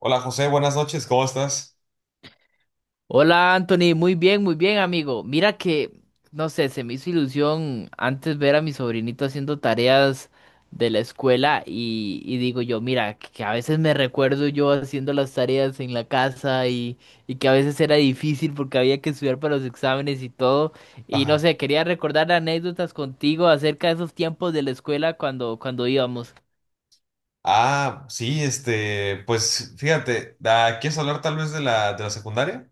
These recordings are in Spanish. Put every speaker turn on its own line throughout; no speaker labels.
Hola José, buenas noches, ¿cómo estás?
Hola Anthony, muy bien amigo. Mira que, no sé, se me hizo ilusión antes ver a mi sobrinito haciendo tareas de la escuela y digo yo, mira, que a veces me recuerdo yo haciendo las tareas en la casa y que a veces era difícil porque había que estudiar para los exámenes y todo. Y no
Ajá.
sé, quería recordar anécdotas contigo acerca de esos tiempos de la escuela cuando íbamos.
Ah, sí, pues fíjate, ¿quieres hablar tal vez de de la secundaria?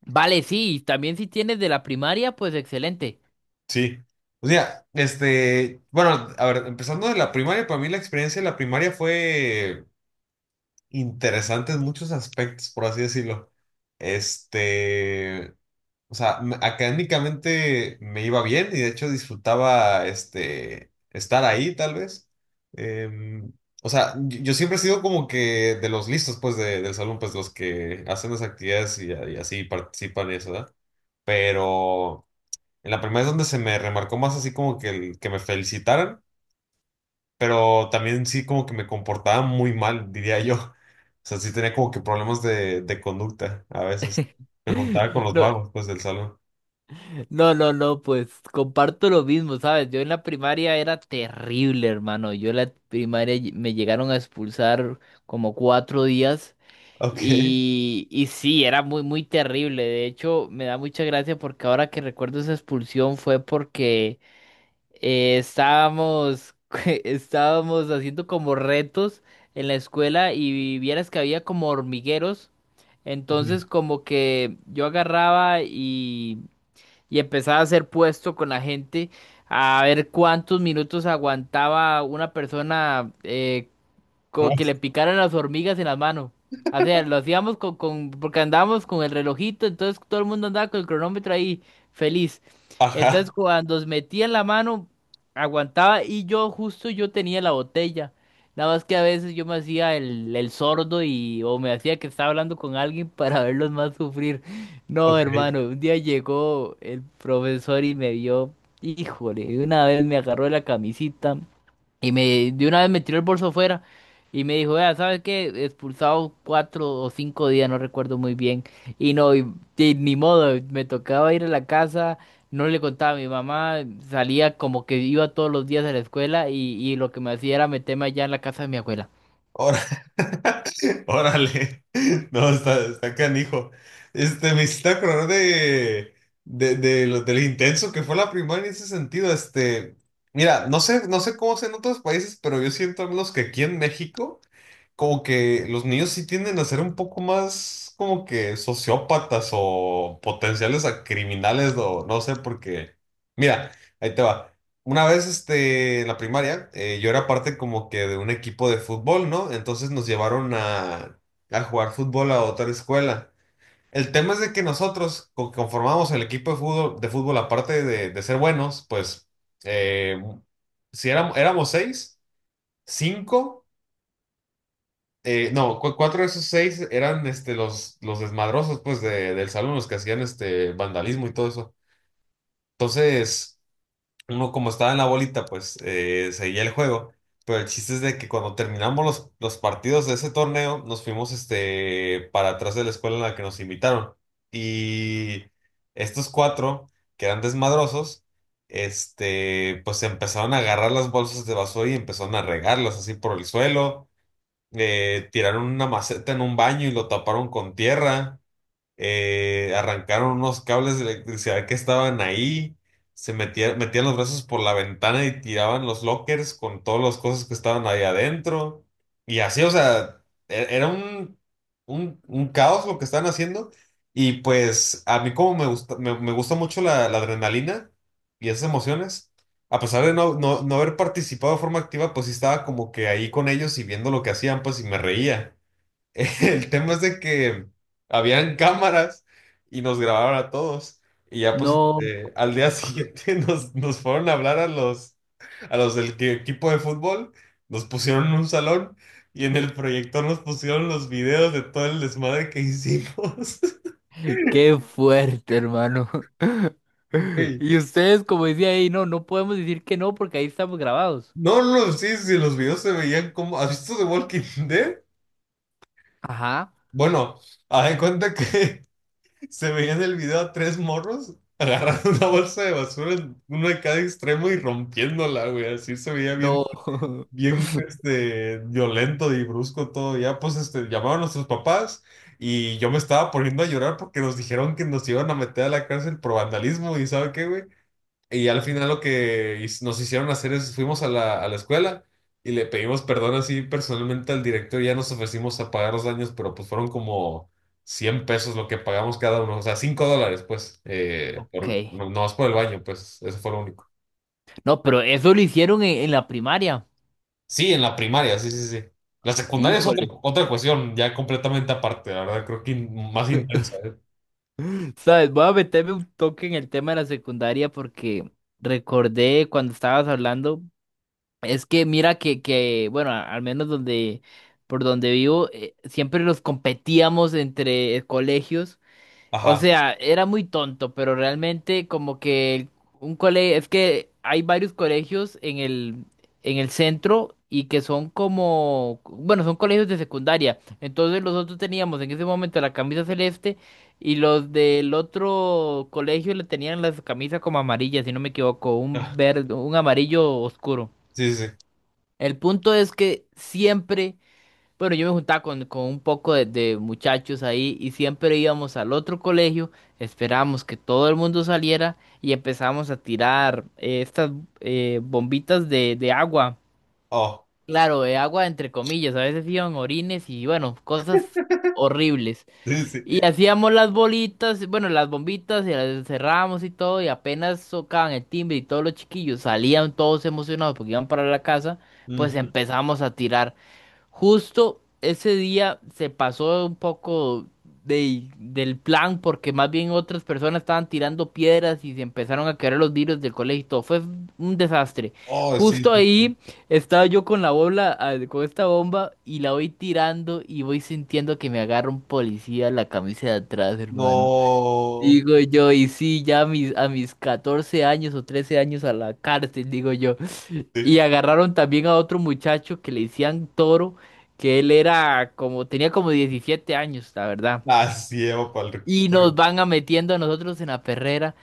Vale, sí, también si tienes de la primaria, pues excelente.
Sí. O sea, este, bueno, a ver, empezando de la primaria, para mí la experiencia de la primaria fue interesante en muchos aspectos, por así decirlo. Este, O sea, académicamente me iba bien y de hecho disfrutaba este, estar ahí, tal vez. Em, o sea, yo siempre he sido como que de los listos, pues, del salón, pues, los que hacen las actividades y así participan y eso, ¿verdad? Pero en la primera es donde se me remarcó más así como que, que me felicitaran, pero también sí como que me comportaba muy mal, diría yo. O sea, sí tenía como que problemas de conducta a veces. Me juntaba con los
No.
vagos, pues, del salón.
No, no, no, pues comparto lo mismo, ¿sabes? Yo en la primaria era terrible, hermano. Yo en la primaria me llegaron a expulsar como 4 días
Ok.
y sí, era muy, muy terrible. De hecho, me da mucha gracia porque ahora que recuerdo esa expulsión fue porque estábamos, estábamos haciendo como retos en la escuela y vieras que había como hormigueros.
Ujú.
Entonces como que yo agarraba y empezaba a hacer puesto con la gente a ver cuántos minutos aguantaba una persona
¿No?
como que le picaran las hormigas en las manos. O sea, lo hacíamos porque andábamos con el relojito, entonces todo el mundo andaba con el cronómetro ahí, feliz. Entonces
Ajá,
cuando os metía en la mano, aguantaba y yo justo yo tenía la botella. Nada más que a veces yo me hacía el sordo y o me hacía que estaba hablando con alguien para verlos más sufrir. No,
ok.
hermano, un día llegó el profesor y me vio, híjole, de una vez me agarró de la camisita. De una vez me tiró el bolso fuera y me dijo, vea, ¿sabes qué? Expulsado 4 o 5 días, no recuerdo muy bien. Y no, y ni modo, me tocaba ir a la casa, no le contaba a mi mamá, salía como que iba todos los días a la escuela y lo que me hacía era meterme allá en la casa de mi abuela.
Ahora, órale. No, está, está canijo. Este, me hiciste acordar de lo, del intenso que fue la primaria en ese sentido. Este, mira, no sé, no sé cómo es en otros países, pero yo siento al menos que aquí en México, como que los niños sí tienden a ser un poco más como que sociópatas o potenciales a criminales, o no sé, porque, mira, ahí te va. Una vez, este, en la primaria, yo era parte como que de un equipo de fútbol, ¿no? Entonces nos llevaron a jugar fútbol a otra escuela. El tema es de que nosotros conformamos el equipo de fútbol aparte de ser buenos, pues, eh, si éramos, éramos seis, cinco. No, cuatro de esos seis eran este, los desmadrosos pues, del salón, los que hacían este, vandalismo y todo eso. Entonces, uno como estaba en la bolita, pues seguía el juego. Pero el chiste es de que cuando terminamos los partidos de ese torneo, nos fuimos este, para atrás de la escuela en la que nos invitaron. Y estos cuatro, que eran desmadrosos, este, pues empezaron a agarrar las bolsas de basura y empezaron a regarlas así por el suelo. Tiraron una maceta en un baño y lo taparon con tierra. Arrancaron unos cables de electricidad que estaban ahí, se metían, metían los brazos por la ventana y tiraban los lockers con todas las cosas que estaban ahí adentro. Y así, o sea, era un caos lo que estaban haciendo. Y pues a mí como me gusta, me gusta mucho la adrenalina y esas emociones, a pesar de no, no, no haber participado de forma activa, pues sí estaba como que ahí con ellos y viendo lo que hacían, pues y me reía. El tema es de que habían cámaras y nos grabaron a todos. Y ya pues
No,
este, al día siguiente nos fueron a hablar a a los del equipo de fútbol, nos pusieron en un salón y en el proyector nos pusieron los videos de todo el desmadre que hicimos.
qué fuerte, hermano.
Güey.
Y ustedes, como decía ahí, no, no podemos decir que no porque ahí estamos grabados.
No, no, no, sí, sí, los videos se veían como... ¿Has visto The Walking Dead?
Ajá.
Bueno, haz de cuenta que se veía en el video a tres morros agarrando una bolsa de basura, en uno de cada extremo y rompiéndola, güey. Así se veía bien,
No.
bien, este, violento y brusco todo. Ya, pues, este, llamaban a nuestros papás y yo me estaba poniendo a llorar porque nos dijeron que nos iban a meter a la cárcel por vandalismo y ¿sabe qué, güey? Y al final lo que nos hicieron hacer es, fuimos a a la escuela y le pedimos perdón así personalmente al director, ya nos ofrecimos a pagar los daños, pero pues fueron como 100 pesos lo que pagamos cada uno, o sea, 5 dólares pues,
Ok.
por, no, no más por el baño, pues eso fue lo único.
No, pero eso lo hicieron en la primaria.
Sí, en la primaria, sí, sí, sí. La secundaria es otra,
Híjole.
otra cuestión ya completamente aparte, la verdad, creo que más intensa, ¿eh?
¿Sabes? Voy a meterme un toque en el tema de la secundaria porque recordé cuando estabas hablando. Es que mira que, que bueno, al menos donde, por donde vivo, siempre los competíamos entre colegios. O
Ajá.
sea, era muy tonto, pero realmente como que un colegio, es que hay varios colegios en el centro y que son como, bueno, son colegios de secundaria. Entonces nosotros teníamos en ese momento la camisa celeste y los del otro colegio le tenían las camisas como amarillas, si no me equivoco,
Ah,
un verde, un amarillo oscuro.
sí, sí, sí.
El punto es que siempre bueno, yo me juntaba con un poco de muchachos ahí y siempre íbamos al otro colegio, esperábamos que todo el mundo saliera y empezábamos a tirar estas bombitas de agua.
Oh,
Claro, de agua entre comillas, a veces iban orines y bueno, cosas horribles.
sí, sí.
Y hacíamos las bolitas, bueno, las bombitas y las encerrábamos y todo y apenas tocaban el timbre y todos los chiquillos salían todos emocionados porque iban para la casa, pues
Ujú.
empezamos a tirar. Justo ese día se pasó un poco de- del plan porque más bien otras personas estaban tirando piedras y se empezaron a caer los vidrios del colegio y todo. Fue un desastre.
Oh, sí,
Justo
sí.
ahí estaba yo con la bola, ah, con esta bomba y la voy tirando y voy sintiendo que me agarra un policía la camisa de atrás, hermano.
No.
Digo yo, y sí, ya a mis 14 años o 13 años a la cárcel, digo yo.
Sí.
Y agarraron también a otro muchacho que le decían Toro, que él era como, tenía como 17 años, la verdad.
Así lleva para el
Y
reclusorio.
nos van a metiendo a nosotros en la perrera.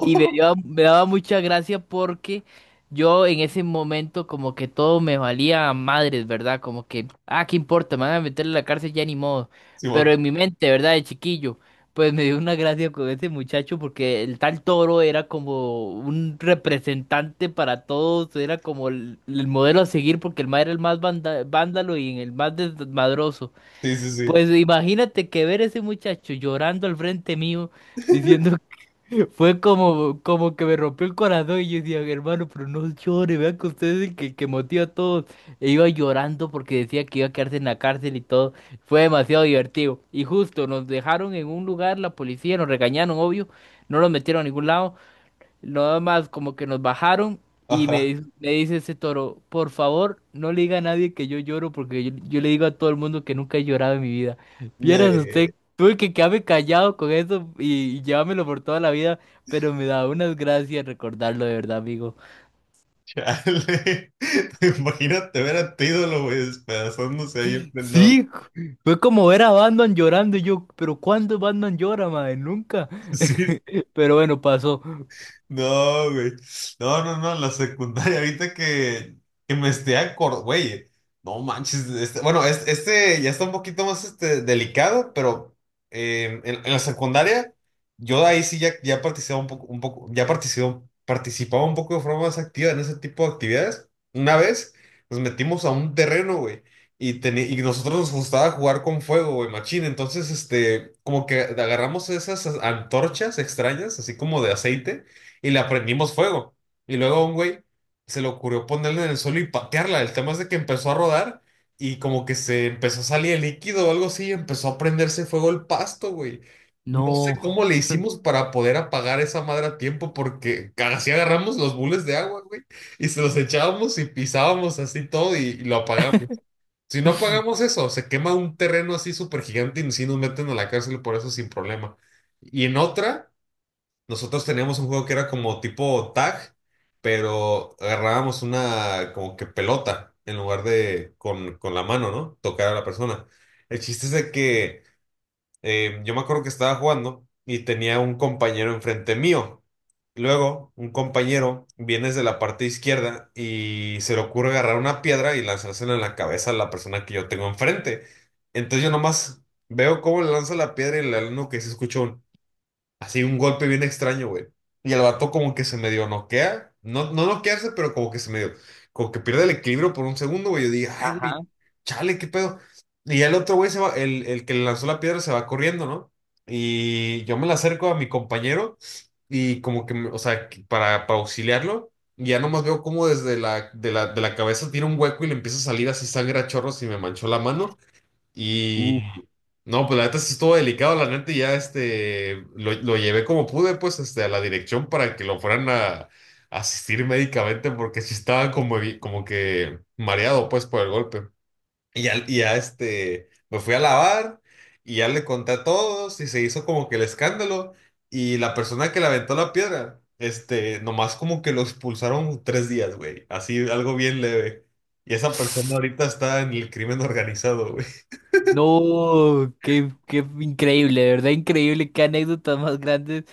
Y me daba mucha gracia porque yo en ese momento como que todo me valía a madres, ¿verdad? Como que, ah, ¿qué importa? Me van a meter en la cárcel ya ni modo. Pero
Simón.
en mi mente, ¿verdad? De chiquillo, pues me dio una gracia con ese muchacho porque el tal Toro era como un representante para todos, era como el modelo a seguir porque el mae era el más vándalo y el más desmadroso.
Sí, sí, sí.
Pues imagínate que ver ese muchacho llorando al frente mío, diciendo fue como, como que me rompió el corazón y yo decía, hermano, pero no llore, vea que usted es el que motiva a todos. E iba llorando porque decía que iba a quedarse en la cárcel y todo. Fue demasiado divertido. Y justo nos dejaron en un lugar, la policía nos regañaron, obvio, no nos metieron a ningún lado. Nada más como que nos bajaron y
Ajá.
me dice ese Toro, por favor, no le diga a nadie que yo lloro porque yo le digo a todo el mundo que nunca he llorado en mi vida. Vieras usted,
De.
tuve que quedarme callado con eso y llevármelo por toda la vida, pero me da unas gracias recordarlo de verdad, amigo.
Chale. Imagínate ver a tu ídolo, güey, despedazándose ahí, en pleno-
Sí, fue como ver a Batman llorando y yo, pero ¿cuándo Batman llora, madre? Nunca.
Sí,
Pero bueno, pasó.
no, güey. No, no, no, la secundaria, ahorita que me esté acordando, güey. No manches, bueno, este, ya está un poquito más este, delicado, pero en la secundaria, yo ahí sí ya, ya participaba un poco, ya participaba, participaba un poco de forma más activa en ese tipo de actividades. Una vez nos metimos a un terreno, güey, y, y nosotros nos gustaba jugar con fuego, güey, machín. Entonces, este, como que agarramos esas antorchas extrañas, así como de aceite y le aprendimos fuego. Y luego a un güey se le ocurrió ponerla en el suelo y patearla. El tema es de que empezó a rodar y como que se empezó a salir el líquido o algo así y empezó a prenderse fuego el pasto, güey. No sé
No.
cómo le hicimos para poder apagar esa madre a tiempo porque así agarramos los bules de agua, güey, y se los echábamos y pisábamos así todo y lo apagamos. Si no apagamos eso, se quema un terreno así súper gigante y sí nos meten a la cárcel por eso sin problema. Y en otra... Nosotros teníamos un juego que era como tipo tag, pero agarrábamos una como que pelota en lugar de con la mano, ¿no? Tocar a la persona. El chiste es de que yo me acuerdo que estaba jugando y tenía un compañero enfrente mío. Luego, un compañero viene desde la parte izquierda y se le ocurre agarrar una piedra y lanzársela en la cabeza a la persona que yo tengo enfrente. Entonces yo nomás veo cómo le lanza la piedra y le uno que se escucha un... Así un golpe bien extraño, güey. Y el vato como que se medio noquea. No, no noquearse, pero como que se medio. Como que pierde el equilibrio por un segundo, güey. Yo dije, ay, güey,
Ajá.
chale, qué pedo. Y ya el otro güey se va, el que le lanzó la piedra se va corriendo, ¿no? Y yo me la acerco a mi compañero y como que, o sea, que para auxiliarlo. Y ya nomás veo como desde de de la cabeza tiene un hueco y le empieza a salir así sangre a chorros y me manchó la mano. Y no, pues la neta sí estuvo delicado, la neta y ya este lo llevé como pude, pues este, a la dirección para que lo fueran a asistir médicamente, porque sí estaba como, como que mareado pues por el golpe. Y ya este me fui a lavar y ya le conté a todos y se hizo como que el escándalo. Y la persona que le aventó la piedra, este, nomás como que lo expulsaron tres días, güey. Así algo bien leve. Y esa persona ahorita está en el crimen organizado, güey.
No, qué, qué increíble, de verdad increíble, qué anécdotas más grandes.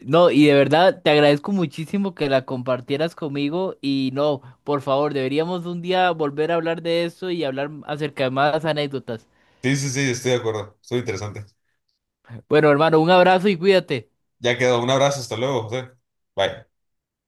No, y de verdad te agradezco muchísimo que la compartieras conmigo y no, por favor, deberíamos un día volver a hablar de eso y hablar acerca de más anécdotas.
Sí, sí, sí, estoy de acuerdo. Estuvo interesante.
Bueno, hermano, un abrazo y cuídate.
Ya quedó. Un abrazo, hasta luego, José. Bye.